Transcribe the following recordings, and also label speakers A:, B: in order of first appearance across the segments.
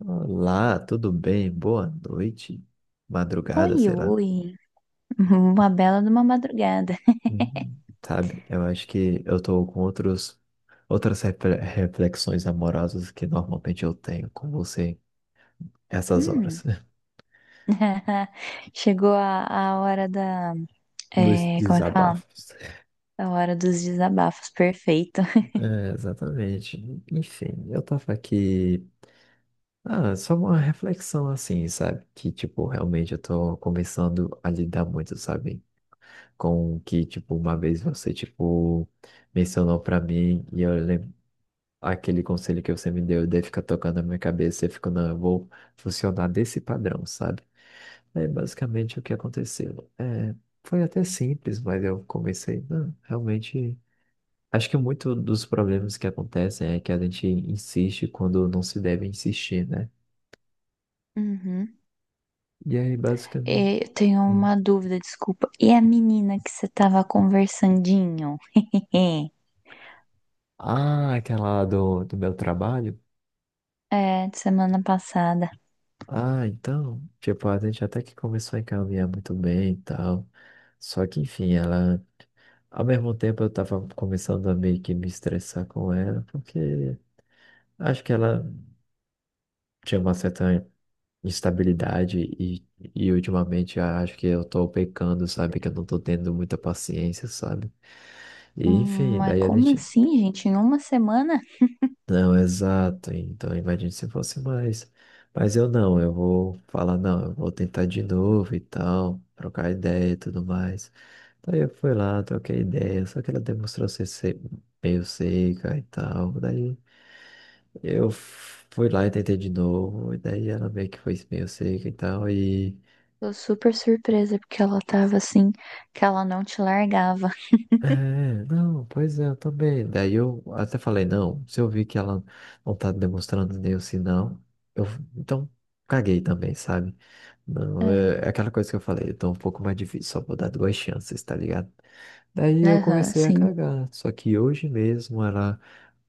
A: Olá, tudo bem? Boa noite, madrugada,
B: Oi,
A: sei lá.
B: oi. Uma bela de uma madrugada.
A: Uhum. Sabe, eu acho que eu tô com outras reflexões amorosas que normalmente eu tenho com você essas
B: Hum.
A: horas,
B: Chegou a hora da.
A: dos
B: É, como é que fala?
A: desabafos.
B: A hora dos desabafos. Perfeito.
A: É, exatamente. Enfim, eu tava aqui. Ah, só uma reflexão assim, sabe? Que, tipo, realmente eu tô começando a lidar muito, sabe? Com o que, tipo, uma vez você, tipo, mencionou pra mim e eu lembro. Aquele conselho que você me deu de fica tocando na minha cabeça, eu fico, não, eu vou funcionar desse padrão, sabe? É basicamente o que aconteceu. É, foi até simples, mas eu comecei, não, realmente. Acho que muito dos problemas que acontecem é que a gente insiste quando não se deve insistir, né?
B: Uhum.
A: E aí, basicamente.
B: Eu tenho
A: Hum.
B: uma dúvida, desculpa. E a menina que você tava conversandinho?
A: Ah, aquela lá do meu trabalho.
B: É, de semana passada.
A: Ah, então, tipo, a gente até que começou a encaminhar muito bem e tal. Só que, enfim, ela. Ao mesmo tempo, eu tava começando a meio que me estressar com ela, porque acho que ela tinha uma certa instabilidade e ultimamente acho que eu tô pecando, sabe? Que eu não tô tendo muita paciência, sabe? E, enfim,
B: Mas
A: daí a
B: como
A: gente.
B: assim, gente? Em uma semana?
A: Não, exato. Então, imagine se fosse mais. Mas eu não, eu vou falar, não, eu vou tentar de novo e tal, trocar ideia e tudo mais. Daí eu fui lá, troquei ideia, só que ela demonstrou ser meio seca e tal. Daí eu fui lá e tentei de novo, e daí ela meio que foi meio seca e tal, e.
B: Tô super surpresa porque ela tava assim, que ela não te largava.
A: É, não, pois é, eu também. Daí eu até falei, não, se eu vi que ela não tá demonstrando nenhum sinal, eu então caguei também, sabe? Não,
B: Ah.
A: é aquela coisa que eu falei, então um pouco mais difícil, só vou dar duas chances, tá ligado? Daí eu
B: Aham,
A: comecei a
B: sim.
A: cagar, só que hoje mesmo ela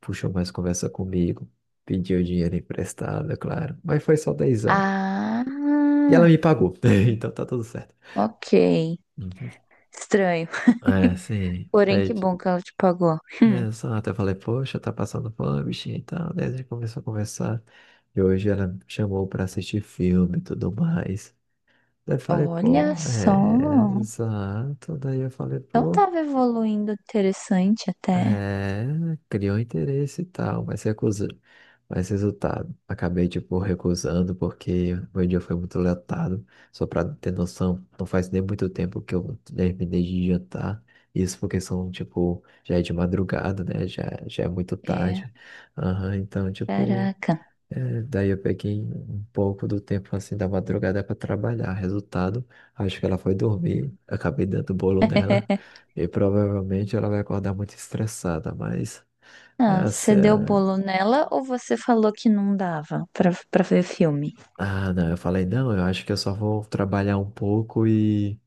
A: puxou mais conversa comigo, pediu dinheiro emprestado, é claro, mas foi só dezão.
B: Ah,
A: E ela me pagou, então tá tudo certo.
B: ok.
A: Uhum.
B: Estranho.
A: É, sim.
B: Porém,
A: É.
B: que bom que ela te pagou.
A: É, exato. Eu falei, poxa, tá passando fome, bichinha e tal. Daí a gente começou a conversar. E hoje ela me chamou pra assistir filme e tudo mais. Daí eu falei, pô,
B: Olha
A: é,
B: só.
A: exato. Daí eu falei,
B: Então
A: pô.
B: tava evoluindo interessante até.
A: É, criou um interesse e tal, mas recusa. Mas resultado, acabei, tipo, recusando porque meu dia foi muito lotado. Só pra ter noção, não faz nem muito tempo que eu terminei de jantar. Isso porque são, tipo, já é de madrugada, né? Já é muito
B: É.
A: tarde. Aham, então, tipo.
B: Caraca.
A: É, daí eu peguei um pouco do tempo assim da madrugada para trabalhar. Resultado, acho que ela foi dormir, acabei dando bolo nela e provavelmente ela vai acordar muito estressada, mas
B: Ah,
A: essa
B: você
A: é
B: deu
A: a-
B: bolo nela ou você falou que não dava pra ver filme?
A: Ah, não, eu falei, não, eu acho que eu só vou trabalhar um pouco e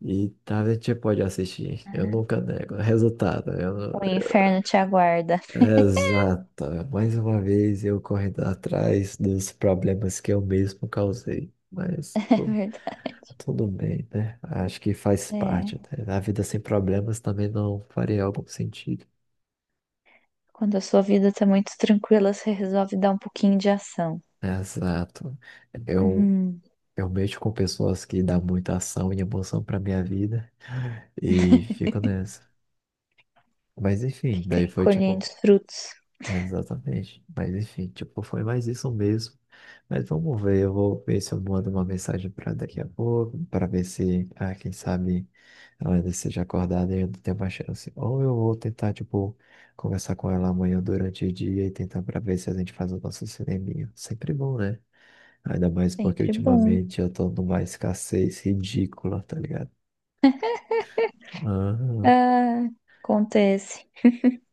A: e tá, a gente pode assistir. Eu nunca nego. Resultado, eu não-.
B: O inferno te aguarda.
A: Exato. Mais uma vez eu correndo atrás dos problemas que eu mesmo causei, mas.
B: É verdade.
A: Tudo bem, né? Acho que faz
B: É.
A: parte, né? A vida sem problemas também não faria algum sentido.
B: Quando a sua vida tá muito tranquila, você resolve dar um pouquinho de ação.
A: Né? Exato. Eu,
B: Uhum.
A: eu mexo com pessoas que dão muita ação e emoção pra minha vida e fico nessa. Mas enfim,
B: Fica aí
A: daí foi
B: colhendo
A: tipo.
B: os frutos.
A: Exatamente. Mas enfim, tipo, foi mais isso mesmo. Mas vamos ver, eu vou ver se eu mando uma mensagem para daqui a pouco, para ver se, ah, quem sabe ela ainda esteja acordada e ainda tem uma chance. Ou eu vou tentar, tipo, conversar com ela amanhã durante o dia e tentar para ver se a gente faz o nosso cineminha. Sempre bom, né? Ainda mais porque
B: Sempre bom.
A: ultimamente eu tô numa escassez ridícula, tá ligado? Ah,
B: Ah, acontece.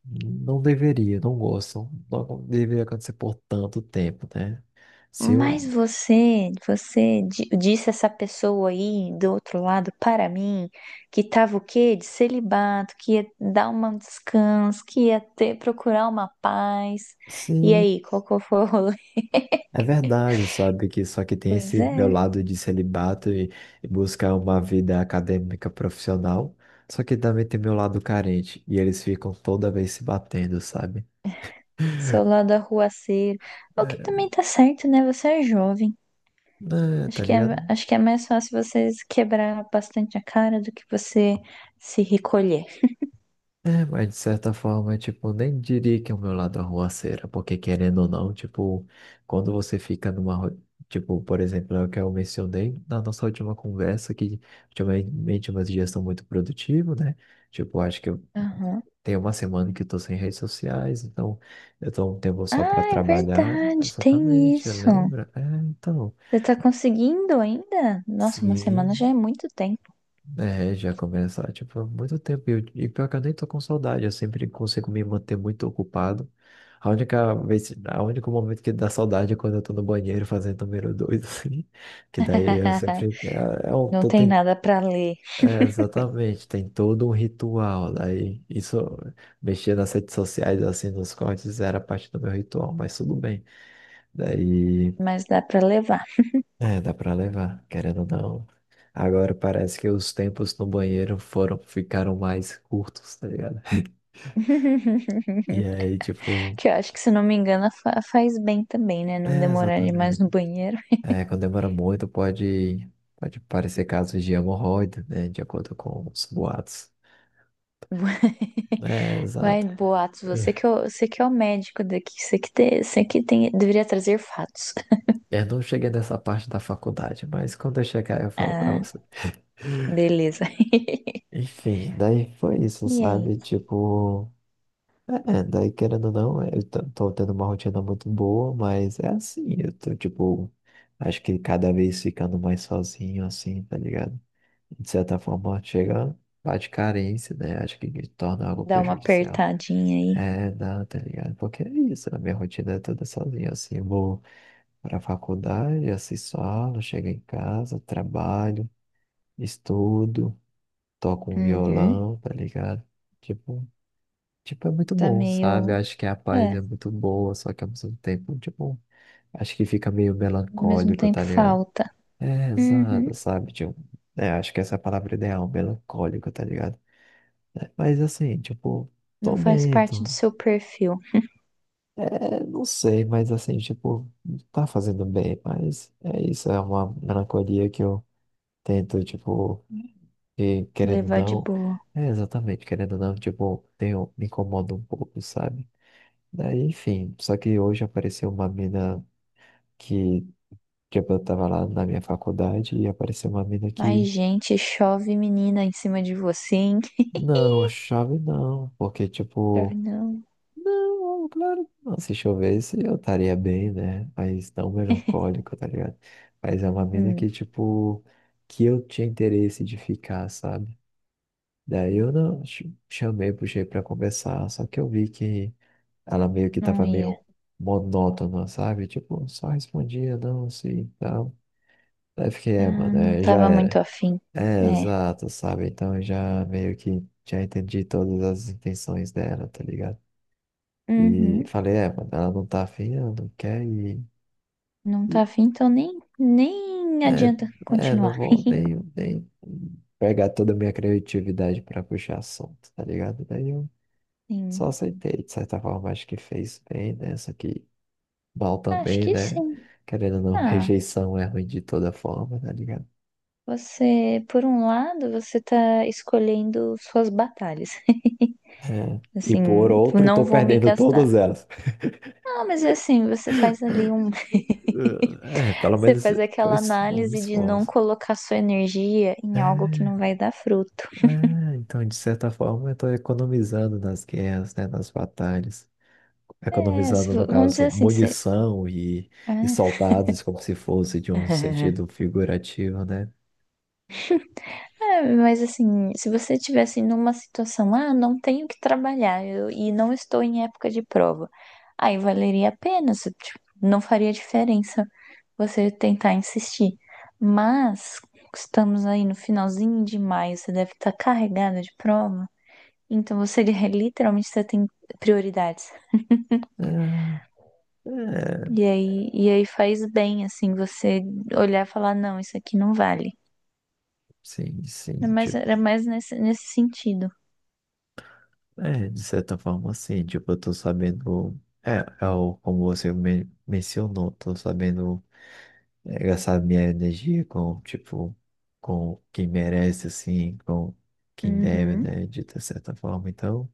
A: não deveria, não gosto. Não deveria acontecer por tanto tempo, né? Se
B: Mas
A: um.
B: você disse essa pessoa aí do outro lado para mim que tava o quê? De celibato, que ia dar um descanso, que ia ter, procurar uma paz. E
A: Sim,
B: aí, qual que foi o rolê?
A: é verdade, sabe? Que só que tem
B: Pois
A: esse meu
B: é,
A: lado de celibato e buscar uma vida acadêmica profissional, só que também tem meu lado carente e eles ficam toda vez se batendo, sabe?
B: seu lado arruaceiro. O que
A: É,
B: também tá certo, né? Você é jovem.
A: né,
B: Acho
A: tá
B: que é,
A: ligado?
B: acho que é mais fácil vocês quebrar bastante a cara do que você se recolher.
A: É, mas de certa forma, tipo, nem diria que é o meu lado arruaceira, porque querendo ou não, tipo, quando você fica numa. Tipo, por exemplo, é o que eu mencionei na nossa última conversa, que ultimamente meus dias estão muito produtivos, né? Tipo, acho que.
B: Aham.
A: Tem uma semana que eu tô sem redes sociais, então eu tô um tempo só para
B: Ah, é
A: trabalhar.
B: verdade, tem
A: Exatamente,
B: isso.
A: lembra? É, então.
B: Você tá conseguindo ainda? Nossa, uma
A: Sim,
B: semana já é muito tempo.
A: é, já começa, tipo, há muito tempo. E, e pior que eu nem tô com saudade, eu sempre consigo me manter muito ocupado. A único momento que dá saudade é quando eu tô no banheiro fazendo número dois, assim. Que daí eu sempre. É,
B: Não
A: tô.
B: tem nada pra ler,
A: É, exatamente, tem todo um ritual. Daí, isso, mexer nas redes sociais, assim, nos cortes, era parte do meu ritual, mas tudo bem. Daí,
B: mas dá pra levar.
A: é, dá pra levar, querendo ou não. Agora parece que os tempos no banheiro ficaram mais curtos, tá ligado? E aí, tipo,
B: Que eu acho que, se não me engano, faz bem também, né? Não
A: é,
B: demorar demais no
A: exatamente.
B: banheiro.
A: É, quando demora muito, pode parecer casos de hemorroida, né? De acordo com os boatos. É,
B: Vai,
A: exato.
B: Boatos, você que é o médico daqui, você que tem, deveria trazer fatos.
A: Eu não cheguei nessa parte da faculdade, mas quando eu chegar eu falo pra
B: Ah,
A: você.
B: beleza.
A: Enfim, daí foi isso,
B: E aí?
A: sabe? Tipo, é, daí querendo ou não, eu tô tendo uma rotina muito boa, mas é assim, eu tô, tipo, acho que cada vez ficando mais sozinho, assim, tá ligado? De certa forma, chega, bate carência, né? Acho que me torna algo
B: Dá uma
A: prejudicial.
B: apertadinha aí.
A: É, não, tá ligado? Porque é isso, a minha rotina é toda sozinha, assim, eu vou pra faculdade, assisto aula, chego em casa, trabalho. Estudo, toco um
B: Uhum.
A: violão, tá ligado? Tipo, tipo, é muito
B: Tá
A: bom, sabe?
B: meio.
A: Acho que a paz
B: É,
A: é muito boa, só que ao mesmo tempo, tipo, acho que fica meio
B: ao mesmo
A: melancólico,
B: tempo
A: tá ligado?
B: falta.
A: É, exato,
B: Uhum.
A: sabe? Tipo, é, acho que essa é a palavra ideal, melancólico, tá ligado? É, mas assim, tipo,
B: Não
A: tô
B: faz
A: bem,
B: parte
A: tô.
B: do seu perfil.
A: É, não sei, mas assim, tipo, tá fazendo bem, mas é isso, é uma melancolia que eu tento, tipo. E querendo ou
B: Levar de
A: não,
B: boa.
A: é exatamente, querendo ou não, tipo, tenho, me incomoda um pouco, sabe? Daí, enfim, só que hoje apareceu uma mina que, tipo, eu tava lá na minha faculdade e apareceu uma mina
B: Mas,
A: que.
B: gente, chove menina em cima de você, hein?
A: Não, chave não, porque,
B: Chove,
A: tipo,
B: não.
A: não, claro, que não, se chovesse eu estaria bem, né? Mas não melancólico, tá ligado? Mas é uma mina que,
B: Hum,
A: tipo, que eu tinha interesse de ficar, sabe? Daí eu não chamei, puxei pra conversar, só que eu vi que. Ela meio que
B: não
A: tava
B: ia.
A: meio monótona, sabe? Tipo, só respondia não, sim, e tal. Aí eu fiquei, é,
B: Ah,
A: mano,
B: não
A: é, já
B: tava muito
A: era.
B: afim.
A: É,
B: É.
A: exato, sabe? Então eu já meio que já entendi todas as intenções dela, tá ligado? E
B: Uhum.
A: falei, é, mano, ela não tá afim, ela não quer e,
B: Não
A: e
B: tá afim, nem
A: é,
B: adianta
A: é, não
B: continuar.
A: vou nem, nem pegar toda a minha criatividade pra puxar assunto, tá ligado? Daí eu
B: Sim.
A: só aceitei, de certa forma, acho que fez bem, né? Só que mal
B: Acho
A: também,
B: que
A: né?
B: sim.
A: Querendo ou não,
B: Ah.
A: rejeição é ruim de toda forma, tá ligado?
B: Você, por um lado, você tá escolhendo suas batalhas.
A: É. E
B: Assim,
A: por
B: tipo,
A: outro,
B: não
A: tô
B: vou me
A: perdendo
B: gastar.
A: todas elas.
B: Não, mas é assim, você faz ali um,
A: É, pelo
B: você
A: menos
B: faz
A: eu
B: aquela
A: não me
B: análise de não
A: esforço.
B: colocar sua energia em algo que não
A: É,
B: vai dar fruto.
A: é, então, de certa forma, eu tô economizando nas guerras, né, nas batalhas.
B: É, se,
A: Economizando, no
B: vamos dizer
A: caso,
B: assim, você,
A: munição e
B: é.
A: soldados, como se fosse de um sentido figurativo, né?
B: É, mas assim, se você estivesse numa situação, ah, não tenho que trabalhar e não estou em época de prova, aí valeria a pena, se, tipo, não faria diferença você tentar insistir. Mas estamos aí no finalzinho de maio, você deve estar carregada de prova, então você literalmente você tem prioridades.
A: É, é,
B: E aí faz bem, assim, você olhar e falar, não, isso aqui não vale.
A: sim, sim,
B: Mas
A: tipo.
B: era mais nesse sentido.
A: É, de certa forma, sim. Tipo, eu tô sabendo. É, é o, como você mencionou, tô sabendo é, gastar minha energia com, tipo, com quem merece, assim, com quem deve,
B: Uhum.
A: né, de ter certa forma. Então,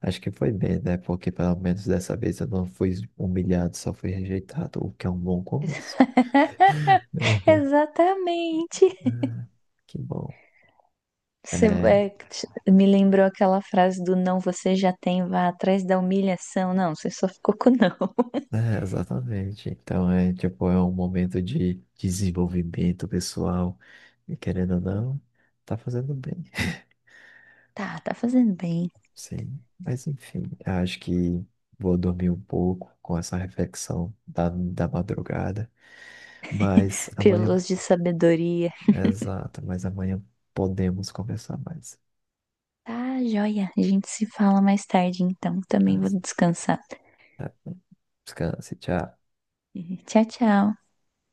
A: acho que foi bem, né? Porque pelo menos dessa vez eu não fui humilhado, só fui rejeitado, o que é um bom começo. É.
B: Exatamente.
A: Que bom.
B: Você,
A: É.
B: é, me lembrou aquela frase do não, você já tem, vá atrás da humilhação. Não, você só ficou com não.
A: É, exatamente. Então é tipo, é um momento de desenvolvimento pessoal. E querendo ou não, tá fazendo bem.
B: Tá, tá fazendo bem.
A: Sim. Mas enfim, eu acho que vou dormir um pouco com essa reflexão da madrugada. Mas amanhã,
B: Pílulas de sabedoria.
A: exato, mas amanhã podemos conversar mais.
B: Tá, joia. A gente se fala mais tarde, então. Também
A: Tá?
B: vou descansar.
A: Tá. Descanse, tchau.
B: Tchau, tchau.